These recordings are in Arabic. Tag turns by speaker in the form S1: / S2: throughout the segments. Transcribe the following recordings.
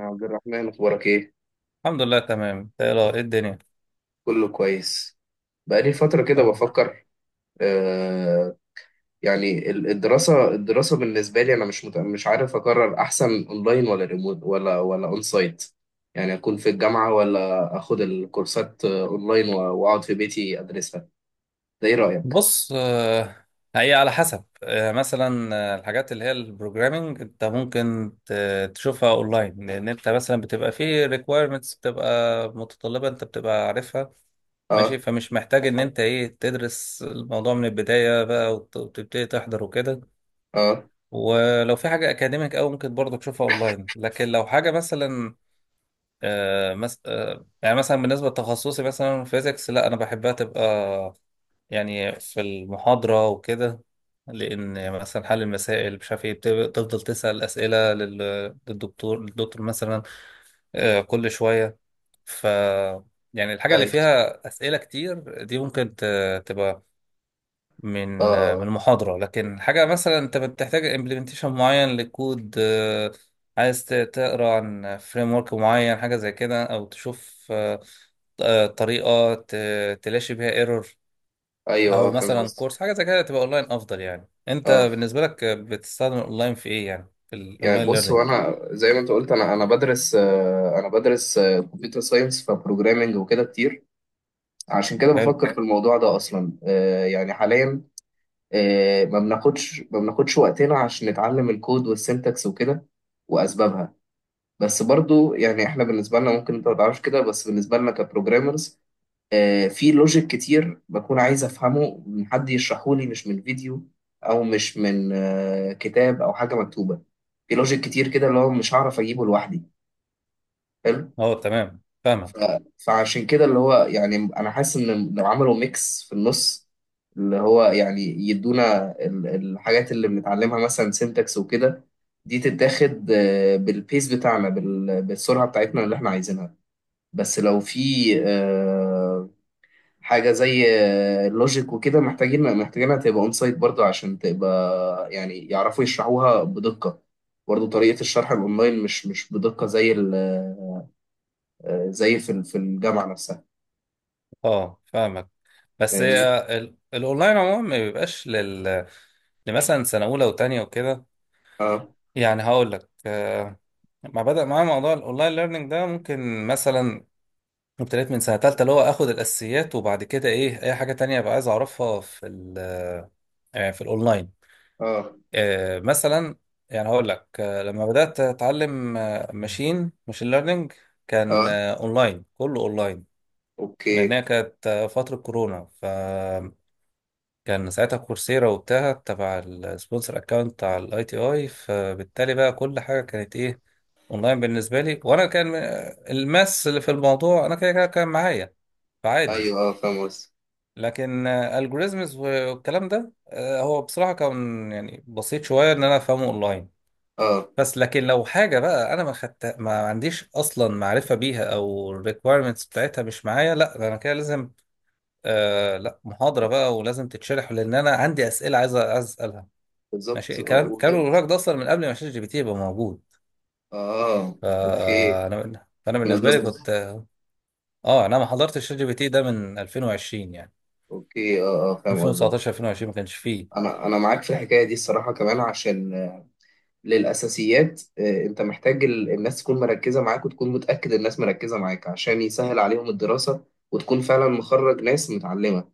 S1: يا عبد الرحمن اخبارك ايه؟
S2: الحمد لله تمام. تقرا ايه ايه الدنيا؟
S1: كله كويس. بقالي فتره كده
S2: أه.
S1: بفكر. آه الدراسه الدراسه بالنسبه لي انا مش عارف اقرر، احسن اونلاين ولا ريموت ولا اون سايت. يعني اكون في الجامعه ولا اخد الكورسات اونلاين واقعد في بيتي ادرسها. ده ايه رايك؟
S2: بص، هي على حسب. مثلا الحاجات اللي هي البروجرامينج انت ممكن تشوفها اونلاين، لان انت مثلا بتبقى فيه ريكويرمنتس بتبقى متطلبه انت بتبقى عارفها، ماشي.
S1: اه.
S2: فمش محتاج ان انت ايه تدرس الموضوع من البدايه بقى وتبتدي تحضر وكده.
S1: اه.
S2: ولو في حاجه اكاديميك او ممكن برضه تشوفها اونلاين، لكن لو حاجه مثلا آه، مس... آه، يعني مثلا بالنسبه لتخصصي مثلا فيزيكس، لا انا بحبها تبقى يعني في المحاضرة وكده. لأن مثلا حل المسائل مش عارف ايه تفضل تسأل أسئلة للدكتور. الدكتور مثلا كل شوية. ف يعني الحاجة اللي
S1: ايوه.
S2: فيها أسئلة كتير دي ممكن تبقى من من
S1: اه.
S2: المحاضرة. لكن حاجة مثلا أنت بتحتاج implementation معين لكود، عايز تقرأ عن framework معين، حاجة زي كده، أو تشوف طريقة تلاشي بيها ايرور،
S1: ايوه.
S2: او
S1: فاهم
S2: مثلا كورس
S1: قصدك.
S2: حاجه زي كده، تبقى اونلاين افضل. يعني انت
S1: اه.
S2: بالنسبه لك بتستخدم الاونلاين في ايه؟ يعني في
S1: يعني
S2: الاونلاين
S1: بص،
S2: ليرنينج.
S1: هو انا زي ما انت قلت، انا بدرس، انا بدرس كمبيوتر ساينس، فبروجرامنج وكده كتير. عشان كده
S2: حلو.
S1: بفكر في الموضوع ده اصلا. يعني حاليا ما بناخدش وقتنا عشان نتعلم الكود والسنتكس وكده واسبابها. بس برضو يعني احنا بالنسبه لنا، ممكن انت ما تعرفش كده، بس بالنسبه لنا كبروجرامرز، في لوجيك كتير بكون عايز افهمه من حد يشرحه لي، مش من فيديو او مش من كتاب او حاجه مكتوبه. في لوجيك كتير كده اللي هو مش هعرف اجيبه لوحدي. حلو.
S2: اه تمام،
S1: ف...
S2: فاهمك.
S1: فعشان كده اللي هو يعني انا حاسس ان لو عملوا ميكس في النص، اللي هو يعني يدونا ال- الحاجات اللي بنتعلمها، مثلا سينتاكس وكده، دي تتاخد بالبيس بتاعنا، بالسرعه بتاعتنا اللي احنا عايزينها. بس لو في آه، حاجه زي اللوجيك وكده، محتاجين محتاجينها تبقى اون سايت برضه، عشان تبقى يعني يعرفوا يشرحوها بدقه. برضه طريقه الشرح الاونلاين مش بدقه زي ال- زي في ال- في الجامعه نفسها.
S2: اه فاهمك. بس
S1: فاهمني؟
S2: هي الاونلاين عموما ما بيبقاش لل لمثلا سنه اولى وتانية وكده.
S1: اه.
S2: يعني هقول لك، ما بدا معايا موضوع الاونلاين ليرنينج ده ممكن مثلا ابتديت من سنه تالتة، اللي هو اخد الاساسيات وبعد كده ايه اي حاجه تانية بقى عايز اعرفها في ال في الاونلاين.
S1: اه.
S2: مثلا يعني هقول لك، لما بدأت أتعلم ماشين ليرنينج كان
S1: اه.
S2: أونلاين، كله أونلاين.
S1: اوكي.
S2: لأنها كانت فترة كورونا، فكان ساعتها كورسيرا وبتاع تبع السبونسر أكاونت بتاع الأي تي أي، فبالتالي بقى كل حاجة كانت إيه، أونلاين بالنسبة لي. وأنا كان الماس اللي في الموضوع أنا كده كده كان معايا، فعادي.
S1: ايوه، اه، فاهم قصدي.
S2: لكن الجوريزمز والكلام ده هو بصراحة كان يعني بسيط شوية إن أنا أفهمه أونلاين.
S1: اه،
S2: بس لكن لو حاجة بقى أنا ما خدت ما عنديش أصلا معرفة بيها أو requirements بتاعتها مش معايا، لا ده أنا كده لازم لا محاضرة بقى، ولازم تتشرح، لأن أنا عندي أسئلة عايز عايز أسألها. ماشي.
S1: بالظبط. اه
S2: الكلام اللي بقولك ده أصلا من قبل ما شات جي بي تي يبقى موجود.
S1: اوكي.
S2: فأنا
S1: من قبل
S2: بالنسبة لي
S1: ما-
S2: كنت أه، أنا ما حضرتش شات جي بي تي ده من 2020 يعني.
S1: اوكي. اه، اه، فاهم قصدك.
S2: 2019 2020 ما كانش فيه.
S1: انا معاك في الحكايه دي الصراحه، كمان عشان للاساسيات انت محتاج ال- الناس تكون مركزه معاك، وتكون متاكد الناس مركزه معاك، عشان يسهل عليهم الدراسه وتكون فعلا مخرج ناس متعلمه.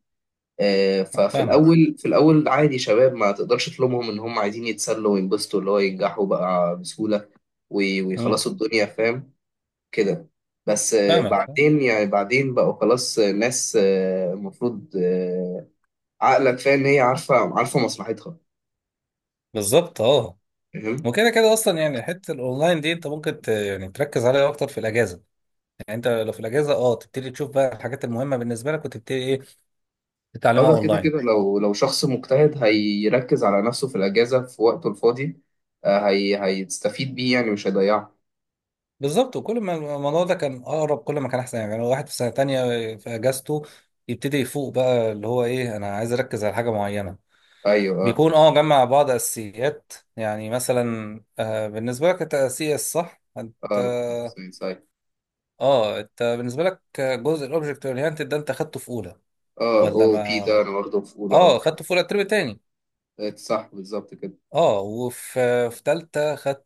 S1: ففي
S2: فاهمك.
S1: الاول في الاول عادي، شباب ما تقدرش تلومهم ان هم عايزين يتسلوا وينبسطوا، اللي هو ينجحوا بقى بسهولة
S2: مم.
S1: ويخلصوا الدنيا. فاهم كده؟ بس
S2: فاهمك.
S1: بعدين يعني، بعدين بقوا خلاص ناس المفروض عقلك فاهم، هي عارفة مصلحتها.
S2: بالظبط أه.
S1: فاهم.
S2: وكده كده أصلا يعني حتة الأونلاين دي أنت ممكن يعني تركز عليها أكتر في الأجازة. يعني انت لو في الاجازه اه تبتدي تشوف بقى الحاجات المهمه بالنسبه لك، وتبتدي ايه
S1: اه،
S2: تتعلمها
S1: ده كده
S2: اونلاين.
S1: كده، لو شخص مجتهد هيركز على نفسه في الأجازة في وقته الفاضي. هيستفيد بيه يعني، مش هيضيعه.
S2: بالظبط. وكل ما الموضوع ده كان اقرب كل ما كان احسن. يعني لو واحد في سنه تانية في اجازته يبتدي يفوق بقى اللي هو ايه انا عايز اركز على حاجه معينه،
S1: ايوه، اه.
S2: بيكون اه جمع بعض اساسيات. يعني مثلا آه، بالنسبه لك انت السي اس، صح؟ انت
S1: اه، انا كنت في ساينس، أيوة.
S2: اه انت بالنسبه لك جزء الاوبجكت اورينتد ده انت خدته في اولى
S1: اه، او
S2: ولا
S1: بي،
S2: ما
S1: ده انا برضه في اولى، اه.
S2: اه خدته في اولى الترم التاني؟
S1: صح، بالظبط كده.
S2: اه، وفي في تالتة خدت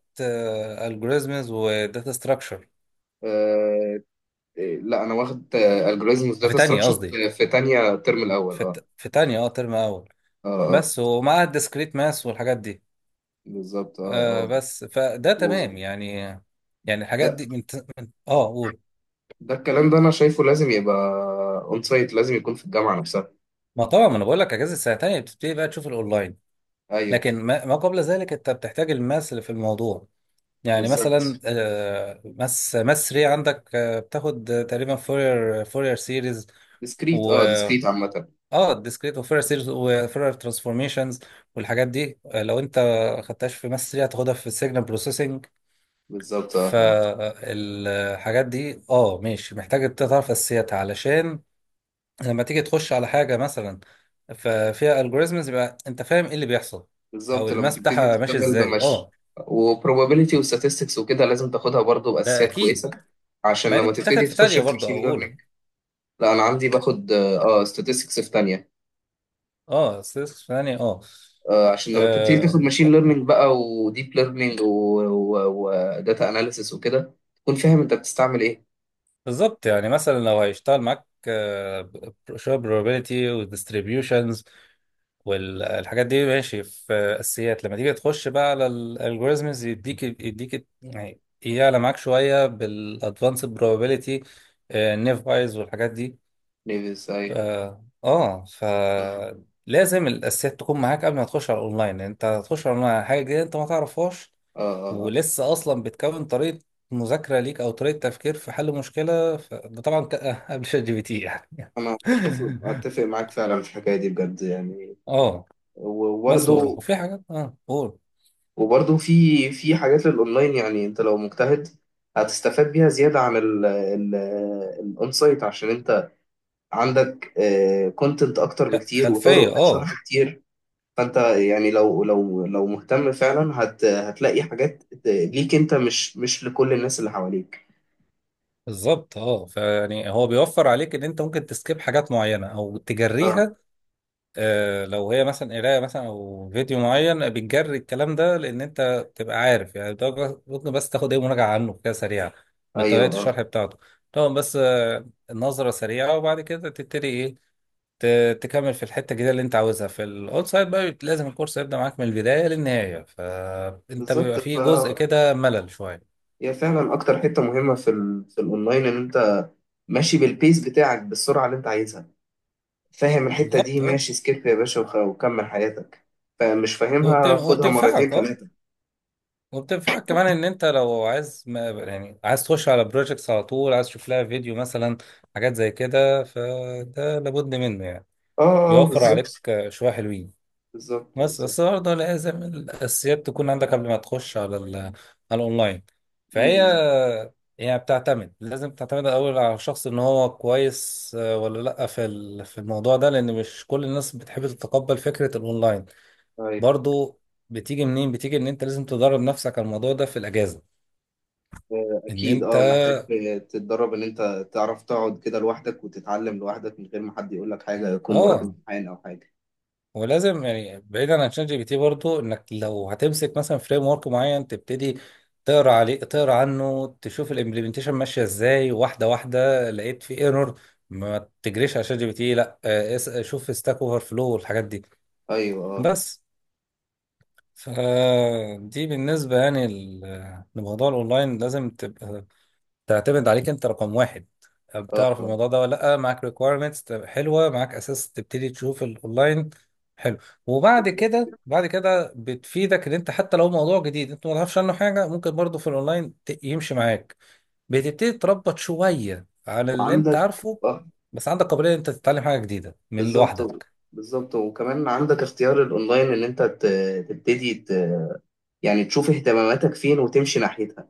S2: الجوريزمز وداتا ستراكشر.
S1: آه. لا، انا واخد الجوريزمز
S2: في
S1: داتا
S2: تانية
S1: ستراكشر.
S2: قصدي،
S1: في تانية الترم الاول،
S2: في
S1: اه.
S2: الت- في تانية اه ترم أول،
S1: اه، اه،
S2: بس، ومعاها الديسكريت ماس والحاجات دي.
S1: بالظبط، اه،
S2: آه
S1: اه.
S2: بس فده تمام
S1: و...
S2: يعني. يعني الحاجات
S1: لا،
S2: دي من, من اه قول.
S1: ده الكلام ده انا شايفه لازم يبقى اون سايت، لازم يكون في الجامعه نفسها.
S2: ما طبعا ما انا بقول لك اجازه السنه التانية بتبتدي بقى تشوف الاونلاين،
S1: ايوه.
S2: لكن ما, ما قبل ذلك انت بتحتاج الماس اللي في الموضوع. يعني مثلا
S1: بالظبط.
S2: آه ماس 3 عندك آه، بتاخد تقريبا فورير سيريز.
S1: ديسكريت، اه، ديسكريت عامه.
S2: اه ديسكريت وفيرر سيريز وفيرر ترانسفورميشنز والحاجات دي. لو انت خدتهاش في ماس 3 هتاخدها في السيجنال بروسيسنج.
S1: بالظبط، اه.
S2: فالحاجات دي اه ماشي، محتاج تعرف اساسياتها علشان لما تيجي تخش على حاجه مثلا ففيها الجوريزمز يبقى انت فاهم ايه اللي بيحصل، او
S1: بالظبط لما
S2: الماس
S1: تبتدي
S2: بتاعها ماشي
S1: تشتغل
S2: ازاي.
S1: بمش،
S2: اه
S1: وبروبابيلتي وستاتستكس وكده، لازم تاخدها برضو
S2: ده
S1: باساسيات
S2: اكيد.
S1: كويسه عشان
S2: ما دي
S1: لما
S2: بتتاخد
S1: تبتدي
S2: في
S1: تخش
S2: تانية
S1: في
S2: برضه
S1: ماشين
S2: او اولى.
S1: ليرنينج. لا، انا عندي باخد اه، ستاتستكس في تانية.
S2: اه statistics في تانية اه.
S1: عشان لما تبتدي تاخد
S2: آه،
S1: ماشين ليرنينج بقى، وديب ليرنينج وداتا اناليسيس وكده، تكون فاهم انت بتستعمل ايه.
S2: بالظبط. يعني مثلا لو هيشتغل معاك شويه probability والديستريبيوشنز والحاجات دي ماشي في اساسيات، لما تيجي تخش بقى على الالجوريزمز يديك يعني يعلى معاك شويه بالادفانسد probability، نيف وايز والحاجات دي.
S1: نيفيس
S2: ف
S1: اي.
S2: اه ف
S1: آه.
S2: لازم الاساسيات تكون معاك قبل ما تخش على الاونلاين. انت هتخش على الاونلاين على حاجه جديده انت ما تعرفهاش
S1: آه. آه.
S2: ولسه اصلا بتكون طريقه مذاكره ليك او طريقه تفكير في حل مشكله ده طبعا قبل شات جي بي تي يعني.
S1: انا اتفق معاك فعلا في الحكايه دي، بجد يعني.
S2: اه. بس
S1: وبرده.
S2: وفي حاجات اه قول.
S1: وبرده في في حاجات للاونلاين، يعني انت لو مجتهد هتستفاد بيها زياده عن ال الاون سايت، عشان انت عندك كونتنت اكتر بكتير
S2: خلفيه
S1: وطرق
S2: اه.
S1: شرح كتير. فانت يعني لو مهتم فعلا، هتلاقي حاجات ليك انت، مش لكل الناس اللي حواليك.
S2: بالظبط اه. فيعني هو بيوفر عليك ان انت ممكن تسكيب حاجات معينه او
S1: اه.
S2: تجريها. لو هي مثلا قرايه مثلا او فيديو معين بتجري الكلام ده، لان انت تبقى عارف يعني ده ممكن بس تاخد ايه مراجعه عنه كده سريعه بطريقه
S1: ايوه، اه،
S2: الشرح بتاعته. طبعا بس النظره سريعه، وبعد كده تبتدي ايه تكمل في الحته الجديده اللي انت عاوزها. في الاول سايد بقى لازم الكورس يبدا معاك من البدايه للنهايه، فانت
S1: بالظبط.
S2: بيبقى فيه جزء كده ملل شويه.
S1: هي فعلا اكتر حته مهمه في ال... في الاونلاين، ان انت ماشي بالبيس بتاعك، بالسرعه اللي انت عايزها. فاهم الحته دي،
S2: بالظبط اه.
S1: ماشي، سكيب يا باشا وكمل حياتك. فمش فاهمها، خدها مرتين
S2: وبتنفعك اه.
S1: ثلاثه.
S2: وبتنفعك كمان ان انت لو عايز ما يعني عايز تخش على بروجكتس على طول عايز تشوف لها فيديو مثلا، حاجات زي كده، فده لابد منه يعني.
S1: اه، اه،
S2: بيوفر اه عليك
S1: بالظبط.
S2: شوية حلوين.
S1: بالظبط.
S2: بس
S1: بالظبط.
S2: بس برضه لازم الاساسيات تكون عندك قبل ما تخش على على الاونلاين. فهي
S1: امم.
S2: يعني بتعتمد، لازم تعتمد الاول على الشخص ان هو كويس ولا لا في في الموضوع ده، لان مش كل الناس بتحب تتقبل فكرة الاونلاين
S1: أيوه.
S2: برضه. بتيجي منين؟ بتيجي ان انت لازم تدرب نفسك على الموضوع ده في الاجازة. ان
S1: أكيد،
S2: انت
S1: أه محتاج تتدرب، إن أنت تعرف تقعد كده لوحدك وتتعلم لوحدك من غير ما حد يقول لك حاجة، يكون وراك
S2: اه
S1: امتحان أو حاجة.
S2: ولازم يعني بعيدا عن شات جي بي تي برضو، انك لو هتمسك مثلا فريم ورك معين تبتدي تقرا عليه، تقرا عنه، تشوف الامبلمنتيشن ماشيه ازاي واحده واحده. لقيت في ايرور، ما تجريش على شات جي بي تي لا، شوف ستاك اوفر فلو والحاجات دي
S1: أيوه، أه،
S2: بس. فدي بالنسبه يعني لموضوع الاونلاين، لازم تبقى تعتمد عليك انت رقم واحد.
S1: أه.
S2: بتعرف الموضوع ده ولا لا؟ معاك ريكويرمنتس حلوه، معاك اساس، تبتدي تشوف الاونلاين. حلو. وبعد
S1: بالظبط
S2: كده
S1: كده.
S2: بعد كده بتفيدك ان انت حتى لو موضوع جديد انت ما تعرفش عنه حاجه، ممكن برضه في الاونلاين يمشي معاك، بتبتدي تربط شويه على اللي انت
S1: وعندك
S2: عارفه.
S1: أه.
S2: بس عندك قابليه ان انت تتعلم حاجه جديده من
S1: بالظبط.
S2: لوحدك.
S1: بالظبط. وكمان عندك اختيار الأونلاين، إن أنت تبتدي يعني تشوف اهتماماتك فين وتمشي ناحيتها.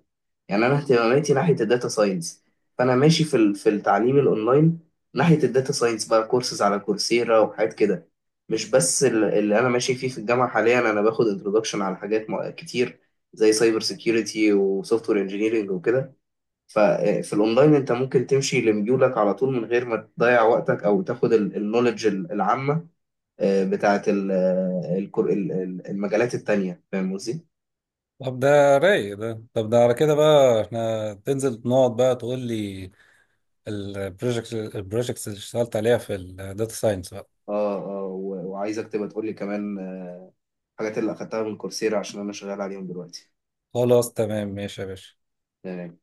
S1: يعني انا اهتماماتي ناحيه الداتا ساينس، فانا ماشي في ال- في التعليم الاونلاين ناحيه الداتا ساينس، بقى كورسز على كورسيرا وحاجات كده، مش بس ال- اللي انا ماشي فيه في الجامعه. حاليا انا باخد انترودكشن على حاجات كتير، زي سايبر سيكيورتي وسوفت وير انجينيرنج وكده. ففي الاونلاين انت ممكن تمشي لميولك على طول، من غير ما تضيع وقتك او تاخد النولج العامه بتاعت ال- المجالات التانيه. فاهم قصدي؟
S2: طب ده رايق، ده طب ده على كده بقى احنا تنزل نقعد بقى تقول لي البروجكتس اللي اشتغلت عليها في الداتا ساينس.
S1: اه، اه، وعايزك تبقى تقول لي كمان الحاجات اللي اخدتها من كورسيرا عشان انا شغال عليهم دلوقتي
S2: خلاص تمام ماشي يا باشا.
S1: يعني.